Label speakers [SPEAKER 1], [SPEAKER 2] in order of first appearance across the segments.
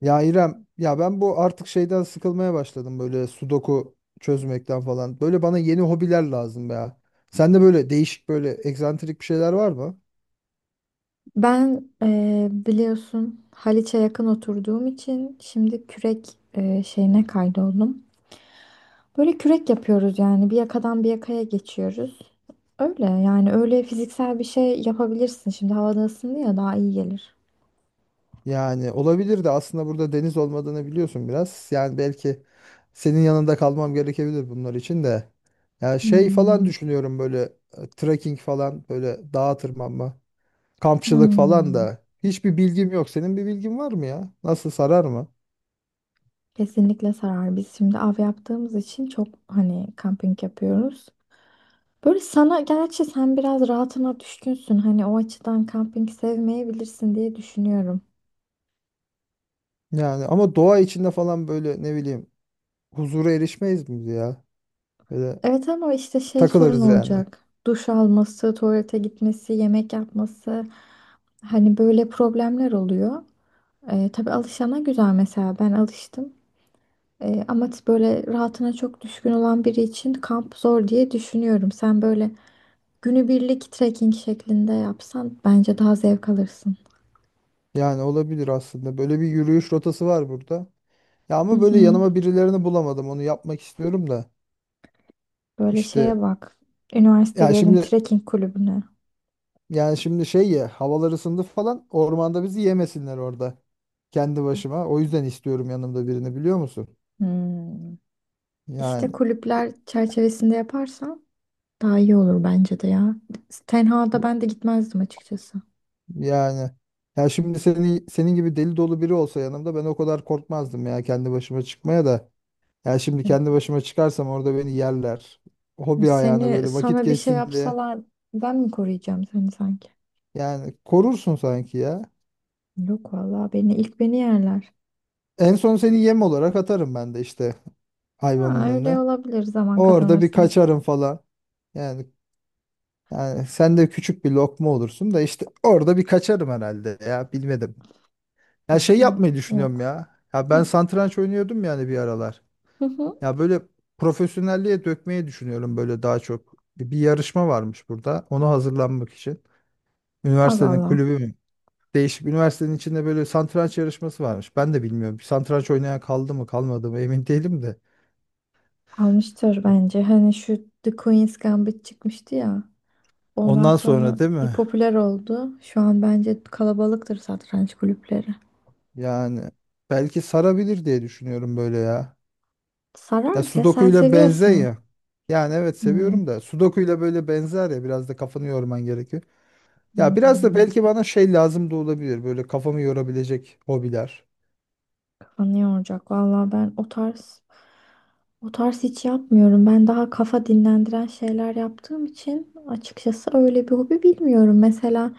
[SPEAKER 1] Ya İrem, ya ben bu artık şeyden sıkılmaya başladım böyle sudoku çözmekten falan. Böyle bana yeni hobiler lazım ya. Sende böyle değişik böyle egzantrik bir şeyler var mı?
[SPEAKER 2] Ben biliyorsun Haliç'e yakın oturduğum için şimdi kürek şeyine kaydoldum. Böyle kürek yapıyoruz, yani bir yakadan bir yakaya geçiyoruz. Öyle, yani öyle fiziksel bir şey yapabilirsin. Şimdi havada ısındı ya, daha iyi gelir.
[SPEAKER 1] Yani olabilir de aslında burada deniz olmadığını biliyorsun biraz. Yani belki senin yanında kalmam gerekebilir bunlar için de. Ya şey falan
[SPEAKER 2] Hmm.
[SPEAKER 1] düşünüyorum böyle trekking falan böyle dağa tırmanma, kampçılık falan
[SPEAKER 2] Hmm.
[SPEAKER 1] da. Hiçbir bilgim yok. Senin bir bilgin var mı ya? Nasıl sarar mı?
[SPEAKER 2] Kesinlikle sarar. Biz şimdi av yaptığımız için çok hani kamping yapıyoruz. Böyle sana gerçi sen biraz rahatına düşkünsün. Hani o açıdan kamping sevmeyebilirsin diye düşünüyorum.
[SPEAKER 1] Yani ama doğa içinde falan böyle ne bileyim huzura erişmeyiz mi ya? Böyle
[SPEAKER 2] Evet ama işte şey sorun
[SPEAKER 1] takılırız yani.
[SPEAKER 2] olacak. Duş alması, tuvalete gitmesi, yemek yapması. Hani böyle problemler oluyor. Tabii alışana güzel, mesela ben alıştım. Ama böyle rahatına çok düşkün olan biri için kamp zor diye düşünüyorum. Sen böyle günübirlik trekking şeklinde yapsan bence daha zevk alırsın.
[SPEAKER 1] Yani olabilir aslında. Böyle bir yürüyüş rotası var burada. Ya
[SPEAKER 2] Hı
[SPEAKER 1] ama böyle
[SPEAKER 2] hı.
[SPEAKER 1] yanıma birilerini bulamadım. Onu yapmak istiyorum da.
[SPEAKER 2] Böyle
[SPEAKER 1] İşte
[SPEAKER 2] şeye bak.
[SPEAKER 1] ya
[SPEAKER 2] Üniversitelerin
[SPEAKER 1] şimdi
[SPEAKER 2] trekking kulübüne.
[SPEAKER 1] yani şimdi şey ya havalar ısındı falan ormanda bizi yemesinler orada. Kendi başıma. O yüzden istiyorum yanımda birini biliyor musun?
[SPEAKER 2] Hmm. İşte
[SPEAKER 1] Yani
[SPEAKER 2] kulüpler çerçevesinde yaparsan daha iyi olur bence de ya. Tenha'da ben de gitmezdim açıkçası.
[SPEAKER 1] yani ya şimdi senin gibi deli dolu biri olsa yanımda ben o kadar korkmazdım ya kendi başıma çıkmaya da. Ya şimdi
[SPEAKER 2] Hani
[SPEAKER 1] kendi başıma çıkarsam orada beni yerler.
[SPEAKER 2] şimdi
[SPEAKER 1] Hobi ayağına
[SPEAKER 2] seni
[SPEAKER 1] böyle vakit
[SPEAKER 2] sana bir şey
[SPEAKER 1] geçsin diye.
[SPEAKER 2] yapsalar, ben mi koruyacağım seni sanki?
[SPEAKER 1] Yani korursun sanki ya.
[SPEAKER 2] Yok vallahi, beni ilk yerler.
[SPEAKER 1] En son seni yem olarak atarım ben de işte
[SPEAKER 2] Ha,
[SPEAKER 1] hayvanın
[SPEAKER 2] öyle
[SPEAKER 1] önüne.
[SPEAKER 2] olabilir zaman
[SPEAKER 1] Orada bir
[SPEAKER 2] kazanırsan.
[SPEAKER 1] kaçarım falan. Yani, yani, sen de küçük bir lokma olursun da işte orada bir kaçarım herhalde ya bilmedim. Ya
[SPEAKER 2] Yok
[SPEAKER 1] şey
[SPEAKER 2] sen,
[SPEAKER 1] yapmayı düşünüyorum
[SPEAKER 2] yok.
[SPEAKER 1] ya. Ya ben
[SPEAKER 2] Hı.
[SPEAKER 1] satranç oynuyordum yani bir aralar.
[SPEAKER 2] Hı hı.
[SPEAKER 1] Ya böyle profesyonelliğe dökmeyi düşünüyorum böyle daha çok. Bir yarışma varmış burada. Ona hazırlanmak için.
[SPEAKER 2] Allah
[SPEAKER 1] Üniversitenin
[SPEAKER 2] Allah.
[SPEAKER 1] kulübü. Değişik üniversitenin içinde böyle satranç yarışması varmış. Ben de bilmiyorum. Bir satranç oynayan kaldı mı kalmadı mı emin değilim de.
[SPEAKER 2] Almıştır bence. Hani şu The Queen's Gambit çıkmıştı ya. Ondan
[SPEAKER 1] Ondan
[SPEAKER 2] sonra
[SPEAKER 1] sonra değil
[SPEAKER 2] bir
[SPEAKER 1] mi?
[SPEAKER 2] popüler oldu. Şu an bence kalabalıktır satranç kulüpleri.
[SPEAKER 1] Yani belki sarabilir diye düşünüyorum böyle ya. Ya
[SPEAKER 2] Sarar ya,
[SPEAKER 1] Sudoku
[SPEAKER 2] sen
[SPEAKER 1] ile benzer
[SPEAKER 2] seviyorsun.
[SPEAKER 1] ya. Yani evet
[SPEAKER 2] Hı.
[SPEAKER 1] seviyorum da Sudoku ile böyle benzer ya biraz da kafanı yorman gerekiyor.
[SPEAKER 2] Hı.
[SPEAKER 1] Ya biraz da belki bana şey lazım da olabilir böyle kafamı yorabilecek hobiler.
[SPEAKER 2] Kafanı yoracak. Valla ben o tarz hiç yapmıyorum. Ben daha kafa dinlendiren şeyler yaptığım için açıkçası öyle bir hobi bilmiyorum. Mesela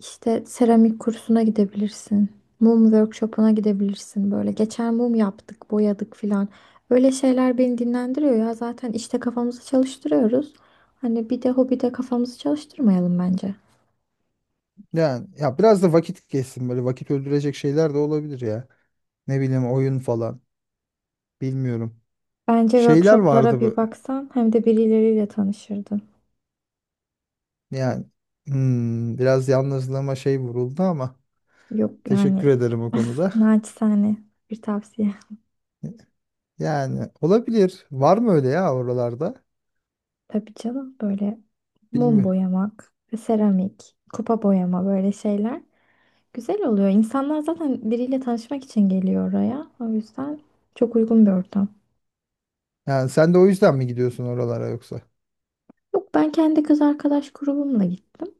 [SPEAKER 2] işte seramik kursuna gidebilirsin. Mum workshopuna gidebilirsin böyle. Geçen mum yaptık, boyadık filan. Öyle şeyler beni dinlendiriyor ya. Zaten işte kafamızı çalıştırıyoruz. Hani bir de hobide kafamızı çalıştırmayalım bence.
[SPEAKER 1] Yani ya biraz da vakit geçsin böyle vakit öldürecek şeyler de olabilir ya. Ne bileyim oyun falan bilmiyorum.
[SPEAKER 2] Bence
[SPEAKER 1] Şeyler
[SPEAKER 2] workshoplara
[SPEAKER 1] vardı
[SPEAKER 2] bir
[SPEAKER 1] bu.
[SPEAKER 2] baksan, hem de birileriyle tanışırdın.
[SPEAKER 1] Yani biraz yalnızlığıma şey vuruldu ama
[SPEAKER 2] Yok yani.
[SPEAKER 1] teşekkür ederim o konuda.
[SPEAKER 2] Naçizane bir tavsiye.
[SPEAKER 1] Yani olabilir. Var mı öyle ya oralarda?
[SPEAKER 2] Tabii canım, böyle mum
[SPEAKER 1] Bilmiyorum.
[SPEAKER 2] boyamak, seramik, kupa boyama, böyle şeyler güzel oluyor. İnsanlar zaten biriyle tanışmak için geliyor oraya. O yüzden çok uygun bir ortam.
[SPEAKER 1] Yani sen de o yüzden mi gidiyorsun oralara yoksa?
[SPEAKER 2] Yok, ben kendi kız arkadaş grubumla gittim.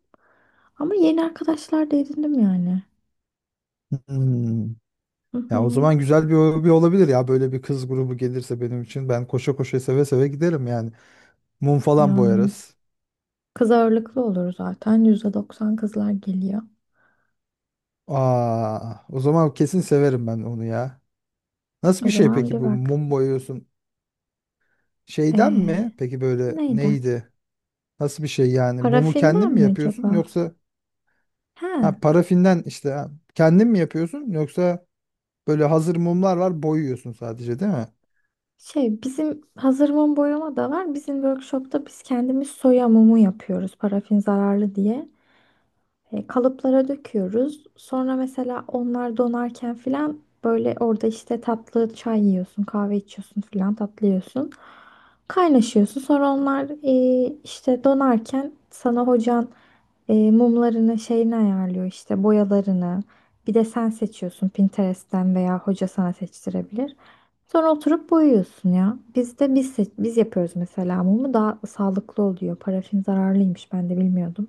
[SPEAKER 2] Ama yeni arkadaşlar da edindim yani.
[SPEAKER 1] Hmm.
[SPEAKER 2] Hı hı.
[SPEAKER 1] Ya o zaman güzel bir hobi olabilir ya. Böyle bir kız grubu gelirse benim için ben koşa koşa seve seve giderim yani. Mum falan
[SPEAKER 2] Yani
[SPEAKER 1] boyarız.
[SPEAKER 2] kız ağırlıklı olur zaten, %90 kızlar geliyor.
[SPEAKER 1] Aa, o zaman kesin severim ben onu ya. Nasıl
[SPEAKER 2] O
[SPEAKER 1] bir şey
[SPEAKER 2] zaman
[SPEAKER 1] peki
[SPEAKER 2] bir
[SPEAKER 1] bu
[SPEAKER 2] bak.
[SPEAKER 1] mum boyuyorsun? Şeyden mi?
[SPEAKER 2] Ee,
[SPEAKER 1] Peki böyle
[SPEAKER 2] Neydi?
[SPEAKER 1] neydi? Nasıl bir şey yani? Mumu kendin
[SPEAKER 2] Parafinden
[SPEAKER 1] mi
[SPEAKER 2] mi
[SPEAKER 1] yapıyorsun
[SPEAKER 2] acaba?
[SPEAKER 1] yoksa
[SPEAKER 2] Ha,
[SPEAKER 1] ha, parafinden işte ha, kendin mi yapıyorsun yoksa böyle hazır mumlar var boyuyorsun sadece değil mi?
[SPEAKER 2] şey, bizim hazır mum boyama da var. Bizim workshopta biz kendimiz soya mumu yapıyoruz, parafin zararlı diye. Kalıplara döküyoruz. Sonra mesela onlar donarken filan, böyle orada işte tatlı çay yiyorsun, kahve içiyorsun filan, tatlı yiyorsun. Kaynaşıyorsun. Sonra onlar işte donarken sana hocan mumlarını şeyini ayarlıyor, işte boyalarını. Bir de sen seçiyorsun Pinterest'ten, veya hoca sana seçtirebilir. Sonra oturup boyuyorsun ya. Biz de biz seç- biz yapıyoruz mesela mumu, daha sağlıklı oluyor. Parafin zararlıymış, ben de bilmiyordum.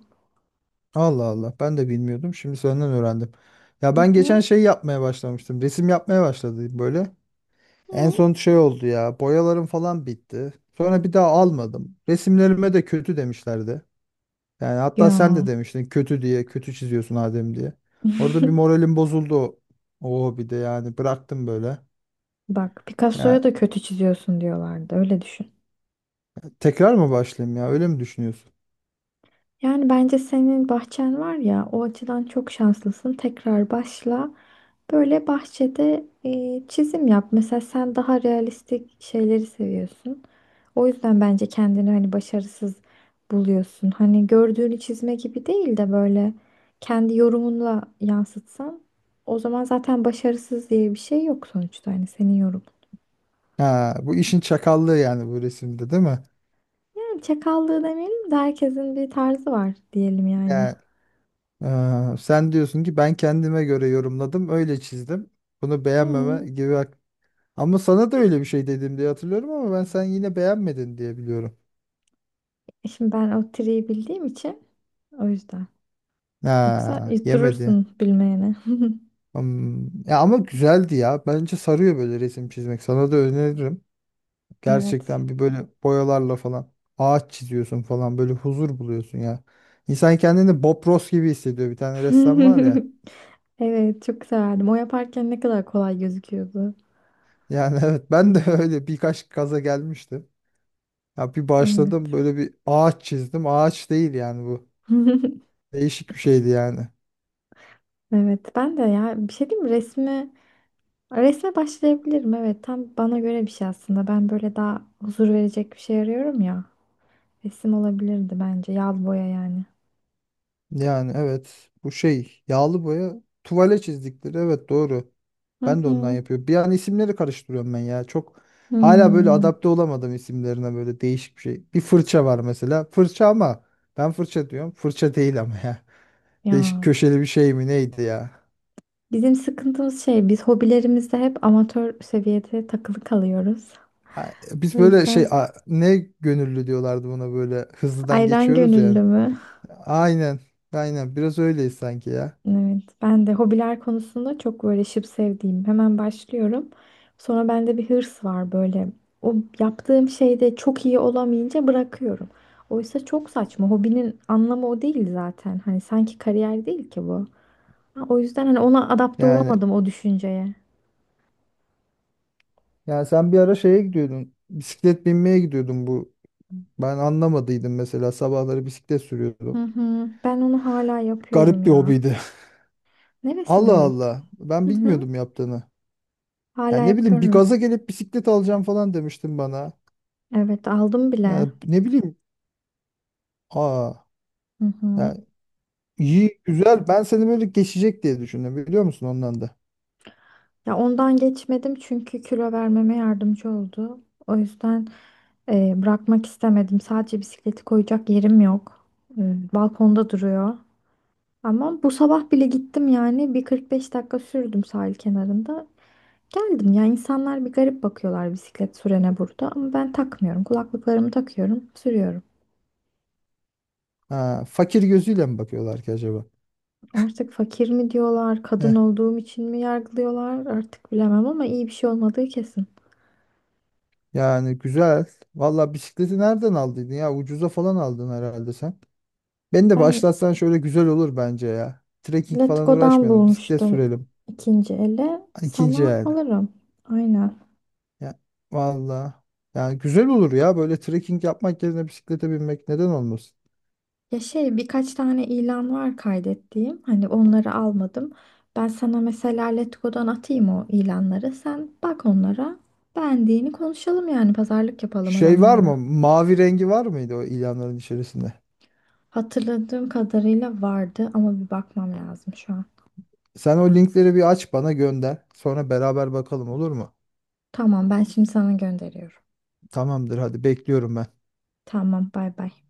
[SPEAKER 1] Allah Allah ben de bilmiyordum şimdi senden öğrendim. Ya
[SPEAKER 2] Hı
[SPEAKER 1] ben geçen
[SPEAKER 2] hı.
[SPEAKER 1] şey yapmaya başlamıştım resim yapmaya başladım böyle. En
[SPEAKER 2] Hı.
[SPEAKER 1] son şey oldu ya boyalarım falan bitti. Sonra bir daha almadım. Resimlerime de kötü demişlerdi. Yani hatta sen de
[SPEAKER 2] Ya,
[SPEAKER 1] demiştin kötü diye kötü çiziyorsun Adem diye. Orada bir moralim bozuldu. Oo bir de yani bıraktım böyle.
[SPEAKER 2] bak, Picasso'ya
[SPEAKER 1] Yani
[SPEAKER 2] da kötü çiziyorsun diyorlardı, öyle düşün.
[SPEAKER 1] tekrar mı başlayayım ya? Öyle mi düşünüyorsun?
[SPEAKER 2] Yani bence senin bahçen var ya, o açıdan çok şanslısın. Tekrar başla. Böyle bahçede çizim yap. Mesela sen daha realistik şeyleri seviyorsun. O yüzden bence kendini hani başarısız buluyorsun. Hani gördüğünü çizme gibi değil de, böyle kendi yorumunla yansıtsan, o zaman zaten başarısız diye bir şey yok sonuçta. Hani senin yorumun.
[SPEAKER 1] Ha, bu işin çakallığı yani bu resimde değil mi?
[SPEAKER 2] Yani çakallığı demeyelim de, herkesin bir tarzı var diyelim yani.
[SPEAKER 1] Yani, sen diyorsun ki ben kendime göre yorumladım, öyle çizdim. Bunu beğenmeme
[SPEAKER 2] Hmm.
[SPEAKER 1] gibi hak. Ama sana da öyle bir şey dedim diye hatırlıyorum ama ben sen yine beğenmedin diye biliyorum.
[SPEAKER 2] Şimdi ben o triyi bildiğim için, o yüzden. Yoksa
[SPEAKER 1] Ha, yemedi.
[SPEAKER 2] durursun bilmeyene.
[SPEAKER 1] Hmm, ya ama güzeldi ya. Bence sarıyor böyle resim çizmek. Sana da öneririm.
[SPEAKER 2] Evet.
[SPEAKER 1] Gerçekten bir böyle boyalarla falan ağaç çiziyorsun falan böyle huzur buluyorsun ya. İnsan kendini Bob Ross gibi hissediyor. Bir tane ressam var ya.
[SPEAKER 2] Evet, çok severdim. O yaparken ne kadar kolay gözüküyordu.
[SPEAKER 1] Yani evet ben de öyle birkaç kaza gelmiştim. Ya bir başladım
[SPEAKER 2] Evet.
[SPEAKER 1] böyle bir ağaç çizdim. Ağaç değil yani bu. Değişik bir şeydi yani.
[SPEAKER 2] Evet ben de, ya bir şey diyeyim mi? Resme başlayabilirim. Evet, tam bana göre bir şey aslında. Ben böyle daha huzur verecek bir şey arıyorum ya. Resim olabilirdi bence. Yağlı boya yani.
[SPEAKER 1] Yani evet bu şey yağlı boya tuvale çizdikleri evet doğru.
[SPEAKER 2] Hı
[SPEAKER 1] Ben de ondan
[SPEAKER 2] hı.
[SPEAKER 1] yapıyorum. Bir an isimleri karıştırıyorum ben ya. Çok hala böyle
[SPEAKER 2] Hmm.
[SPEAKER 1] adapte olamadım isimlerine böyle değişik bir şey. Bir fırça var mesela. Fırça ama ben fırça diyorum. Fırça değil ama ya. Değişik
[SPEAKER 2] Ya
[SPEAKER 1] köşeli bir şey mi neydi ya?
[SPEAKER 2] bizim sıkıntımız şey, biz hobilerimizde hep amatör seviyede takılı kalıyoruz.
[SPEAKER 1] Ha, biz
[SPEAKER 2] O
[SPEAKER 1] böyle şey
[SPEAKER 2] yüzden
[SPEAKER 1] ne gönüllü diyorlardı buna böyle hızlıdan
[SPEAKER 2] ayran
[SPEAKER 1] geçiyoruz
[SPEAKER 2] gönüllü
[SPEAKER 1] yani.
[SPEAKER 2] mü?
[SPEAKER 1] Aynen. Aynen biraz öyleyiz sanki ya.
[SPEAKER 2] Evet ben de hobiler konusunda çok böyle şıp sevdiğim, hemen başlıyorum. Sonra bende bir hırs var böyle. O yaptığım şeyde çok iyi olamayınca bırakıyorum. Oysa çok saçma. Hobinin anlamı o değil zaten. Hani sanki kariyer değil ki bu. Ha, o yüzden hani ona adapte
[SPEAKER 1] Yani
[SPEAKER 2] olamadım, o düşünceye.
[SPEAKER 1] Yani sen bir ara şeye gidiyordun. Bisiklet binmeye gidiyordun bu. Ben anlamadıydım mesela sabahları bisiklet
[SPEAKER 2] Hı
[SPEAKER 1] sürüyordum.
[SPEAKER 2] hı. Ben onu hala yapıyorum
[SPEAKER 1] Garip bir
[SPEAKER 2] ya.
[SPEAKER 1] hobiydi.
[SPEAKER 2] Neresi
[SPEAKER 1] Allah
[SPEAKER 2] garip?
[SPEAKER 1] Allah. Ben
[SPEAKER 2] Hı hı.
[SPEAKER 1] bilmiyordum yaptığını.
[SPEAKER 2] Hala
[SPEAKER 1] Yani ne bileyim bir
[SPEAKER 2] yapıyorum.
[SPEAKER 1] gaza gelip bisiklet alacağım falan demiştin bana.
[SPEAKER 2] Evet, aldım bile.
[SPEAKER 1] Yani ne bileyim. Aa.
[SPEAKER 2] Hı hı.
[SPEAKER 1] Yani iyi güzel. Ben seni böyle geçecek diye düşündüm biliyor musun ondan da.
[SPEAKER 2] Ya ondan geçmedim çünkü kilo vermeme yardımcı oldu. O yüzden bırakmak istemedim. Sadece bisikleti koyacak yerim yok. E, Balkonda duruyor. Ama bu sabah bile gittim yani. Bir 45 dakika sürdüm sahil kenarında. Geldim ya, insanlar bir garip bakıyorlar bisiklet sürene burada, ama ben takmıyorum. Kulaklıklarımı takıyorum, sürüyorum.
[SPEAKER 1] Ha, fakir gözüyle mi bakıyorlar ki acaba?
[SPEAKER 2] Artık fakir mi diyorlar,
[SPEAKER 1] Heh,
[SPEAKER 2] kadın olduğum için mi yargılıyorlar artık bilemem, ama iyi bir şey olmadığı kesin.
[SPEAKER 1] yani güzel. Valla bisikleti nereden aldıydın ya? Ucuza falan aldın herhalde sen. Beni de
[SPEAKER 2] Ben
[SPEAKER 1] başlatsan şöyle güzel olur bence ya. Trekking falan
[SPEAKER 2] Letgo'dan
[SPEAKER 1] uğraşmayalım. Bisiklet
[SPEAKER 2] bulmuştum
[SPEAKER 1] sürelim.
[SPEAKER 2] ikinci ele.
[SPEAKER 1] Hani İkinci
[SPEAKER 2] Sana
[SPEAKER 1] yani.
[SPEAKER 2] alırım. Aynen.
[SPEAKER 1] Ya, valla. Yani güzel olur ya. Böyle trekking yapmak yerine bisiklete binmek neden olmasın?
[SPEAKER 2] Ya şey, birkaç tane ilan var kaydettiğim. Hani onları almadım. Ben sana mesela Letgo'dan atayım o ilanları. Sen bak onlara. Beğendiğini konuşalım, yani pazarlık yapalım
[SPEAKER 1] Şey var
[SPEAKER 2] adamlarla.
[SPEAKER 1] mı? Mavi rengi var mıydı o ilanların içerisinde?
[SPEAKER 2] Hatırladığım kadarıyla vardı, ama bir bakmam lazım şu an.
[SPEAKER 1] Sen o linkleri bir aç bana gönder. Sonra beraber bakalım olur mu?
[SPEAKER 2] Tamam, ben şimdi sana gönderiyorum.
[SPEAKER 1] Tamamdır hadi bekliyorum ben.
[SPEAKER 2] Tamam, bay bay.